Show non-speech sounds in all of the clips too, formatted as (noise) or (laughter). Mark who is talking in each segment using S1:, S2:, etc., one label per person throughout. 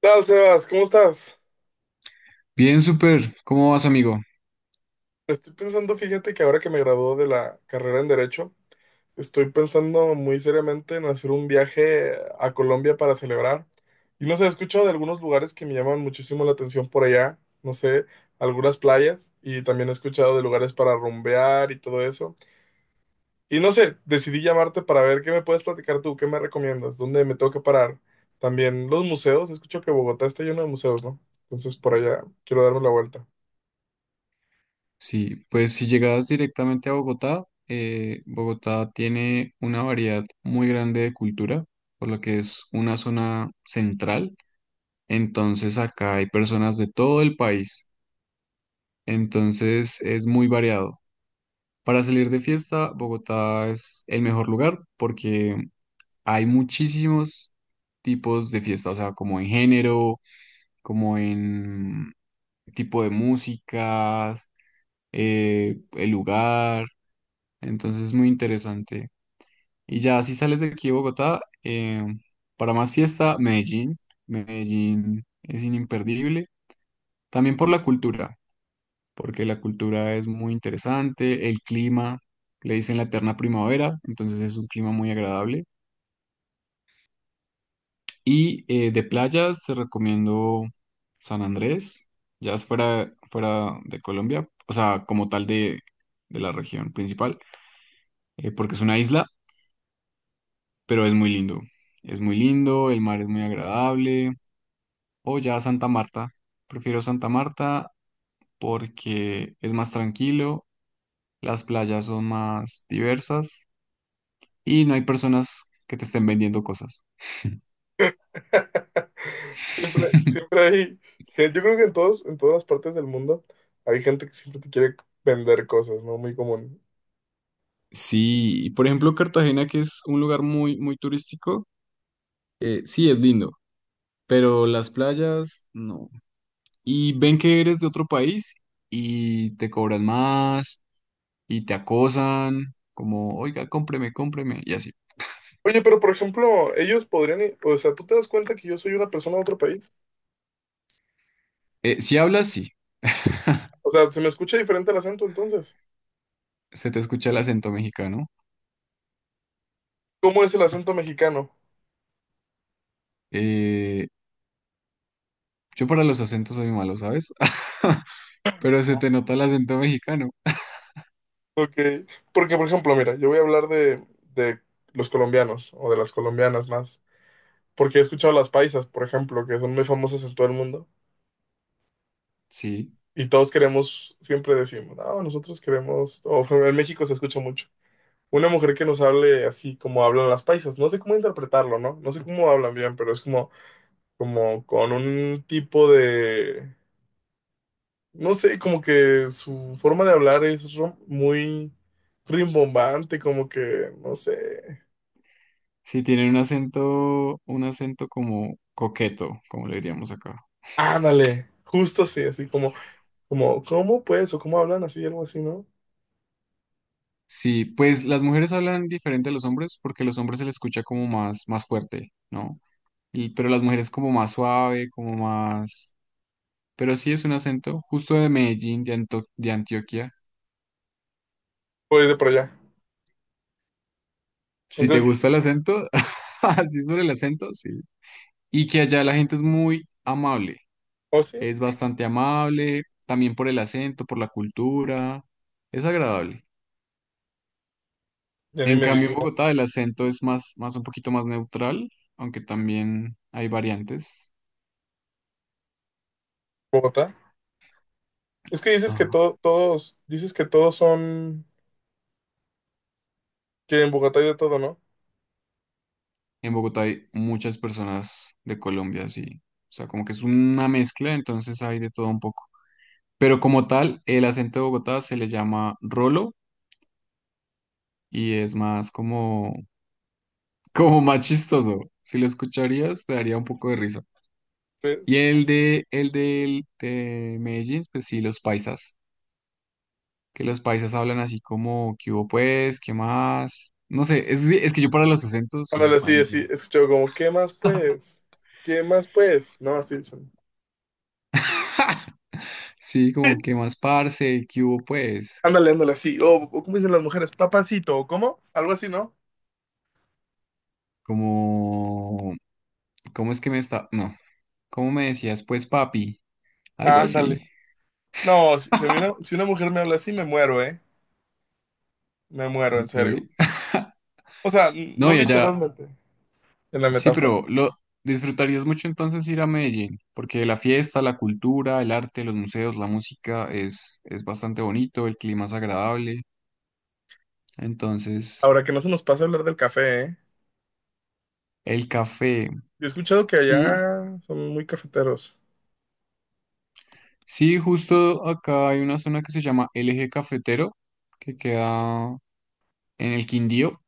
S1: ¿Qué tal, Sebas? ¿Cómo estás?
S2: Bien, súper. ¿Cómo vas, amigo?
S1: Estoy pensando, fíjate que ahora que me graduó de la carrera en Derecho, estoy pensando muy seriamente en hacer un viaje a Colombia para celebrar. Y no sé, he escuchado de algunos lugares que me llaman muchísimo la atención por allá, no sé, algunas playas, y también he escuchado de lugares para rumbear y todo eso. Y no sé, decidí llamarte para ver qué me puedes platicar tú, qué me recomiendas, dónde me tengo que parar. También los museos, escucho que Bogotá está lleno de museos, ¿no? Entonces por allá quiero darme la vuelta.
S2: Sí, pues si llegas directamente a Bogotá, Bogotá tiene una variedad muy grande de cultura, por lo que es una zona central. Entonces acá hay personas de todo el país. Entonces es muy variado. Para salir de fiesta, Bogotá es el mejor lugar porque hay muchísimos tipos de fiesta, o sea, como en género, como en tipo de músicas el lugar, entonces es muy interesante. Y ya, si sales de aquí de Bogotá, para más fiesta, Medellín. Medellín es imperdible, también por la cultura, porque la cultura es muy interesante, el clima, le dicen la eterna primavera, entonces es un clima muy agradable. Y de playas te recomiendo San Andrés, ya es fuera de Colombia, o sea, como tal de la región principal, porque es una isla pero es muy lindo. Es muy lindo, el mar es muy agradable. O ya Santa Marta. Prefiero Santa Marta porque es más tranquilo, las playas son más diversas y no hay personas que te estén vendiendo cosas.
S1: (laughs) Siempre,
S2: (laughs)
S1: siempre hay, yo creo que en todos, en todas las partes del mundo hay gente que siempre te quiere vender cosas, ¿no? Muy común.
S2: Sí, y por ejemplo, Cartagena, que es un lugar muy turístico, sí es lindo, pero las playas no. Y ven que eres de otro país y te cobran más y te acosan, como, oiga, cómpreme, cómpreme, y así.
S1: Oye, pero por ejemplo, ellos podrían, o sea, ¿tú te das cuenta que yo soy una persona de otro país?
S2: Si hablas, sí. (laughs)
S1: O sea, se me escucha diferente el acento entonces.
S2: Se te escucha el acento mexicano.
S1: ¿Cómo es el acento mexicano?
S2: Eh, yo para los acentos soy malo, ¿sabes? (laughs) Pero se te nota el acento mexicano.
S1: Ok, porque por ejemplo, mira, yo voy a hablar de los colombianos o de las colombianas más, porque he escuchado las paisas, por ejemplo, que son muy famosas en todo el mundo.
S2: Sí,
S1: Y todos queremos, siempre decimos, no, nosotros queremos, o (laughs) en México se escucha mucho, una mujer que nos hable así como hablan las paisas. No sé cómo interpretarlo, ¿no? No sé cómo hablan bien, pero es como, como con un tipo de, no sé, como que su forma de hablar es muy rimbombante, como que, no sé,
S2: sí, tienen un acento como coqueto, como le diríamos acá.
S1: ándale, justo así, así como, como, ¿cómo pues? O cómo hablan así, algo así, ¿no?
S2: Sí, pues las mujeres hablan diferente a los hombres porque los hombres se les escucha como más fuerte, ¿no? Y, pero las mujeres como más suave, como más... Pero sí es un acento justo de Medellín, de Antioquia.
S1: Pues de por allá.
S2: Si te
S1: Entonces,
S2: gusta el acento, (laughs) así sobre el acento, sí. Y que allá la gente es muy amable,
S1: ¿o sí?
S2: es bastante amable, también por el acento, por la cultura, es agradable.
S1: Ya ni
S2: En
S1: me
S2: cambio, en
S1: digas,
S2: Bogotá el acento es más un poquito más neutral, aunque también hay variantes.
S1: Bogotá. Es que dices que
S2: Ajá.
S1: todo, todos, dices que todos son, que en Bogotá hay de todo, ¿no?
S2: En Bogotá hay muchas personas de Colombia, sí. O sea, como que es una mezcla, entonces hay de todo un poco. Pero como tal, el acento de Bogotá se le llama rolo y es más como. Como más chistoso. Si lo escucharías, te daría un poco de risa. Y
S1: Pues,
S2: el de Medellín, pues sí, los paisas. Que los paisas hablan así como, ¿qué hubo pues? ¿Qué más? No sé, es que yo para los acentos soy
S1: ándale, así, así,
S2: malísimo.
S1: escucho como, ¿qué más pues? ¿Qué más pues? No, así dicen.
S2: (laughs) Sí, como, ¿qué más, parce? ¿Qué hubo pues?
S1: Ándale, ándale, así. O ¿cómo dicen las mujeres? ¿Papacito, o cómo? Algo así, ¿no?
S2: Como, ¿cómo es que me está? No, ¿cómo me decías pues, papi? Algo
S1: Ándale.
S2: así.
S1: No, si, si a mí una, si una mujer me habla así, me muero, ¿eh? Me muero, en
S2: Ok.
S1: serio. O sea, no
S2: No, y allá,
S1: literalmente, en la
S2: sí,
S1: metáfora.
S2: pero lo disfrutarías mucho entonces ir a Medellín, porque la fiesta, la cultura, el arte, los museos, la música es bastante bonito, el clima es agradable. Entonces,
S1: Ahora, que no se nos pase hablar del café, ¿eh?
S2: el café,
S1: Yo he escuchado que
S2: sí,
S1: allá son muy cafeteros.
S2: sí, justo acá hay una zona que se llama el Eje Cafetero, que queda en el Quindío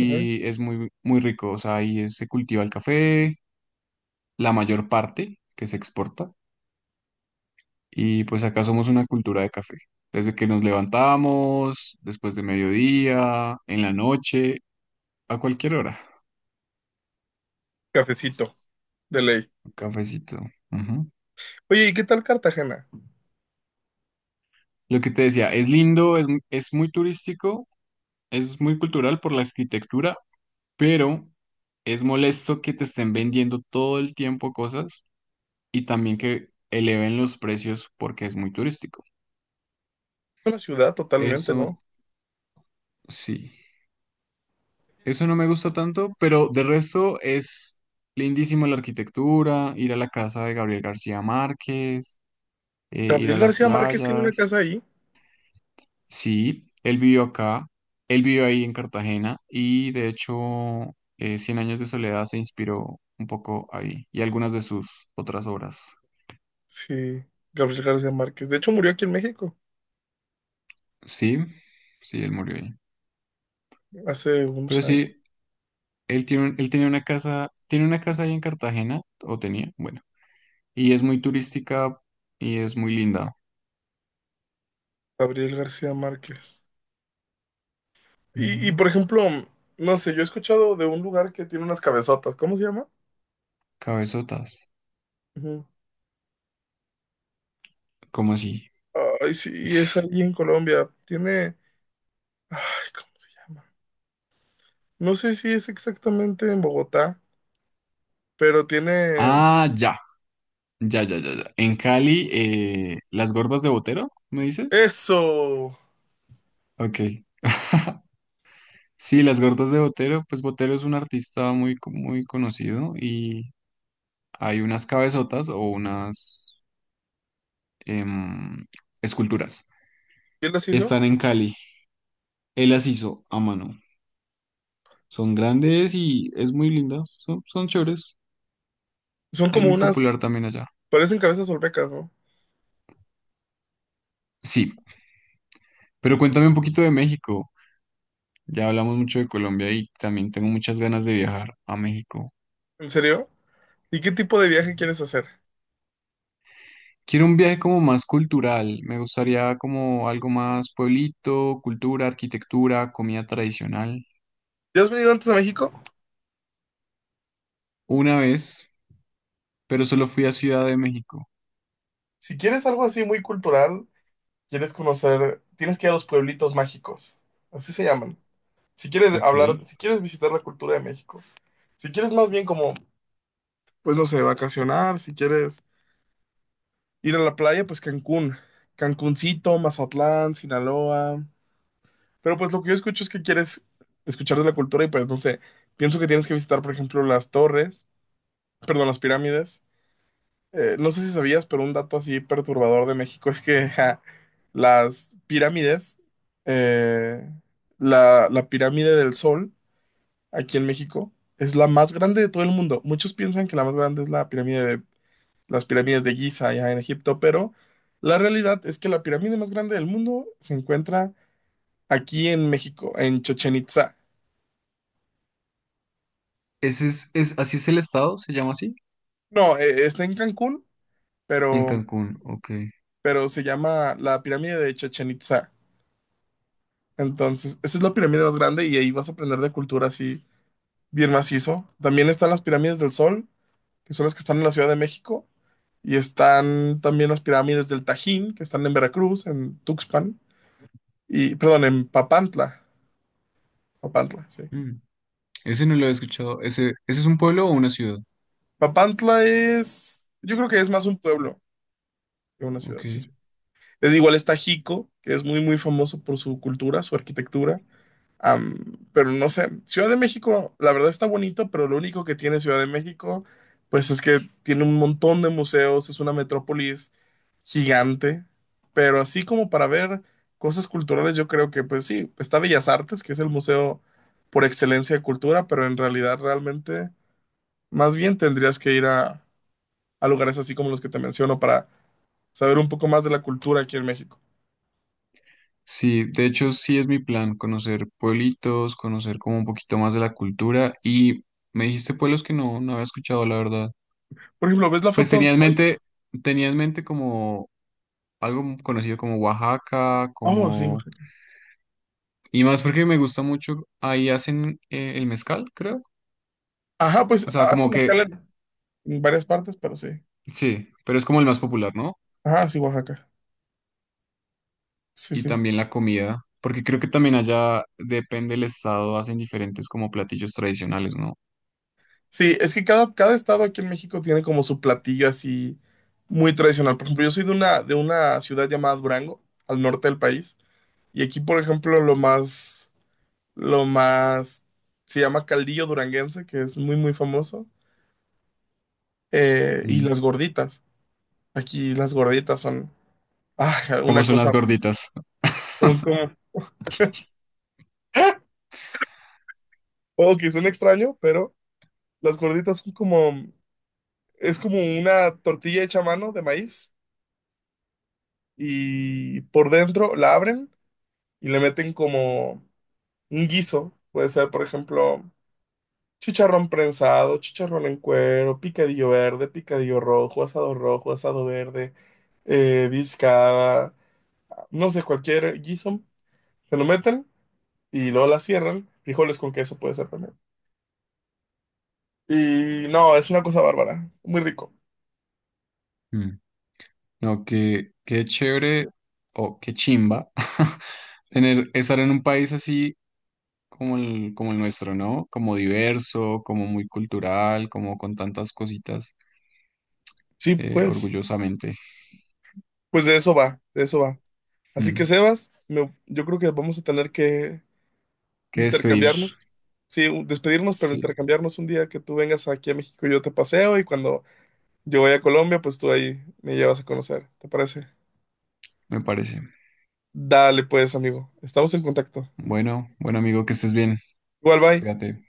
S1: Ujú.
S2: es muy rico. O sea, se cultiva el café, la mayor parte que se exporta. Y pues acá somos una cultura de café. Desde que nos levantamos, después de mediodía, en la noche, a cualquier hora,
S1: Cafecito, de ley.
S2: un cafecito. Ujú.
S1: Oye, ¿y qué tal Cartagena?
S2: Lo que te decía, es lindo, es muy turístico, es muy cultural por la arquitectura, pero es molesto que te estén vendiendo todo el tiempo cosas y también que eleven los precios porque es muy turístico.
S1: La ciudad totalmente, ¿no?
S2: Eso sí. Eso no me gusta tanto, pero de resto es lindísimo la arquitectura, ir a la casa de Gabriel García Márquez, ir a
S1: Gabriel
S2: las
S1: García Márquez tiene una
S2: playas.
S1: casa ahí.
S2: Sí, él vivió acá, él vivió ahí en Cartagena y de hecho Cien años de soledad se inspiró un poco ahí y algunas de sus otras obras.
S1: Sí, Gabriel García Márquez. De hecho, murió aquí en México
S2: Sí, sí, él murió ahí.
S1: hace
S2: Pero
S1: unos años.
S2: sí, él tiene, él tenía una casa, tiene una casa ahí en Cartagena, o tenía, bueno, y es muy turística y es muy linda.
S1: Gabriel García Márquez.
S2: Ujú.
S1: Por ejemplo, no sé, yo he escuchado de un lugar que tiene unas cabezotas. ¿Cómo se llama?
S2: Cabezotas.
S1: Ujú.
S2: ¿Cómo así?
S1: Ay, sí, es allí en Colombia. Tiene. Ay, ¿cómo se llama? No sé si es exactamente en Bogotá, pero tiene.
S2: Ah, ya. Ya. En Cali, las gordas de Botero, ¿me dices?
S1: ¡Eso!
S2: Ok. (laughs) Sí, las gordas de Botero, pues Botero es un artista muy conocido y hay unas cabezotas o unas em, esculturas.
S1: ¿Quién las hizo?
S2: Están en Cali. Él las hizo a mano. Son grandes y es muy linda. Son chéveres.
S1: Son
S2: Es
S1: como
S2: muy
S1: unas.
S2: popular también allá.
S1: Parecen cabezas olmecas, ¿no?
S2: Sí, pero cuéntame un poquito de México. Ya hablamos mucho de Colombia y también tengo muchas ganas de viajar a México.
S1: ¿En serio? ¿Y qué tipo de viaje quieres hacer?
S2: Quiero un viaje como más cultural, me gustaría como algo más pueblito, cultura, arquitectura, comida tradicional.
S1: ¿Ya has venido antes a México?
S2: Una vez, pero solo fui a Ciudad de México.
S1: Si quieres algo así muy cultural, quieres conocer, tienes que ir a los pueblitos mágicos. Así se llaman. Si quieres
S2: Ok.
S1: hablar, si quieres visitar la cultura de México. Si quieres más bien como, pues no sé, vacacionar, si quieres ir a la playa, pues Cancún. Cancuncito, Mazatlán, Sinaloa. Pero pues lo que yo escucho es que quieres escuchar de la cultura y pues no sé, pienso que tienes que visitar, por ejemplo, las torres, perdón, las pirámides. No sé si sabías, pero un dato así perturbador de México es que (laughs) ja, las pirámides, eh, la pirámide del Sol aquí en México es la más grande de todo el mundo. Muchos piensan que la más grande es la pirámide de las pirámides de Giza allá en Egipto, pero la realidad es que la pirámide más grande del mundo se encuentra aquí en México, en Chichén Itzá.
S2: Ese es, así es el estado, se llama así.
S1: No, está en Cancún,
S2: En
S1: pero,
S2: Cancún, ok.
S1: pero se llama la pirámide de Chichén Itzá. Entonces, esa es la pirámide más grande y ahí vas a aprender de cultura así bien macizo. También están las pirámides del Sol, que son las que están en la Ciudad de México, y están también las pirámides del Tajín, que están en Veracruz, en Tuxpan, y perdón, en Papantla. Papantla, sí.
S2: Mm, ese no lo he escuchado. Ese es un pueblo o una ciudad.
S1: Papantla es, yo creo que es más un pueblo que una ciudad,
S2: Ok.
S1: sí, sí. Es igual está Jico, que es muy, muy famoso por su cultura, su arquitectura. Pero no sé, Ciudad de México, la verdad está bonito, pero lo único que tiene Ciudad de México, pues es que tiene un montón de museos, es una metrópolis gigante, pero así como para ver cosas culturales, yo creo que pues sí, está Bellas Artes, que es el museo por excelencia de cultura, pero en realidad realmente más bien tendrías que ir a lugares así como los que te menciono para saber un poco más de la cultura aquí en México.
S2: Sí, de hecho sí es mi plan, conocer pueblitos, conocer como un poquito más de la cultura y me dijiste pueblos que no había escuchado, la verdad.
S1: Por ejemplo, ¿ves la
S2: Pues
S1: foto donde estoy?
S2: tenía en mente como algo conocido como Oaxaca,
S1: Oh, sí.
S2: como...
S1: Oaxaca.
S2: Y más porque me gusta mucho, ahí hacen el mezcal, creo.
S1: Ajá, pues
S2: O sea, como
S1: hacen
S2: que
S1: escala en varias partes, pero sí.
S2: sí, pero es como el más popular, ¿no?
S1: Ah, sí, Oaxaca. Sí,
S2: Y
S1: sí.
S2: también la comida, porque creo que también allá, depende del estado, hacen diferentes como platillos tradicionales, ¿no?
S1: Sí, es que cada estado aquí en México tiene como su platillo así muy tradicional. Por ejemplo, yo soy de una ciudad llamada Durango, al norte del país. Y aquí, por ejemplo, lo más, se llama caldillo duranguense, que es muy, muy famoso. Y
S2: Mm,
S1: las gorditas. Aquí las gorditas son, ah,
S2: como
S1: una
S2: son
S1: cosa,
S2: las gorditas.
S1: son como, (laughs) ¡ah! Oh, que suena extraño, pero las gorditas son como, es como una tortilla hecha a mano de maíz y por dentro la abren y le meten como un guiso. Puede ser, por ejemplo, chicharrón prensado, chicharrón en cuero, picadillo verde, picadillo rojo, asado verde, discada, no sé, cualquier guiso. Se lo meten y luego la cierran. Frijoles con queso puede ser también. Y no, es una cosa bárbara, muy rico.
S2: Mm. No, qué chévere o qué chimba (laughs) tener, estar en un país así como como el nuestro, ¿no? Como diverso, como muy cultural, como con tantas cositas,
S1: Sí, pues,
S2: orgullosamente.
S1: pues de eso va, de eso va. Así que
S2: Mm.
S1: Sebas, yo creo que vamos a tener que
S2: Qué despedir.
S1: intercambiarnos. Sí, despedirnos, pero
S2: Sí,
S1: intercambiarnos un día que tú vengas aquí a México y yo te paseo y cuando yo voy a Colombia, pues tú ahí me llevas a conocer. ¿Te parece?
S2: me parece.
S1: Dale pues, amigo. Estamos en contacto.
S2: Bueno, bueno amigo, que estés bien.
S1: Igual, bye.
S2: Cuídate.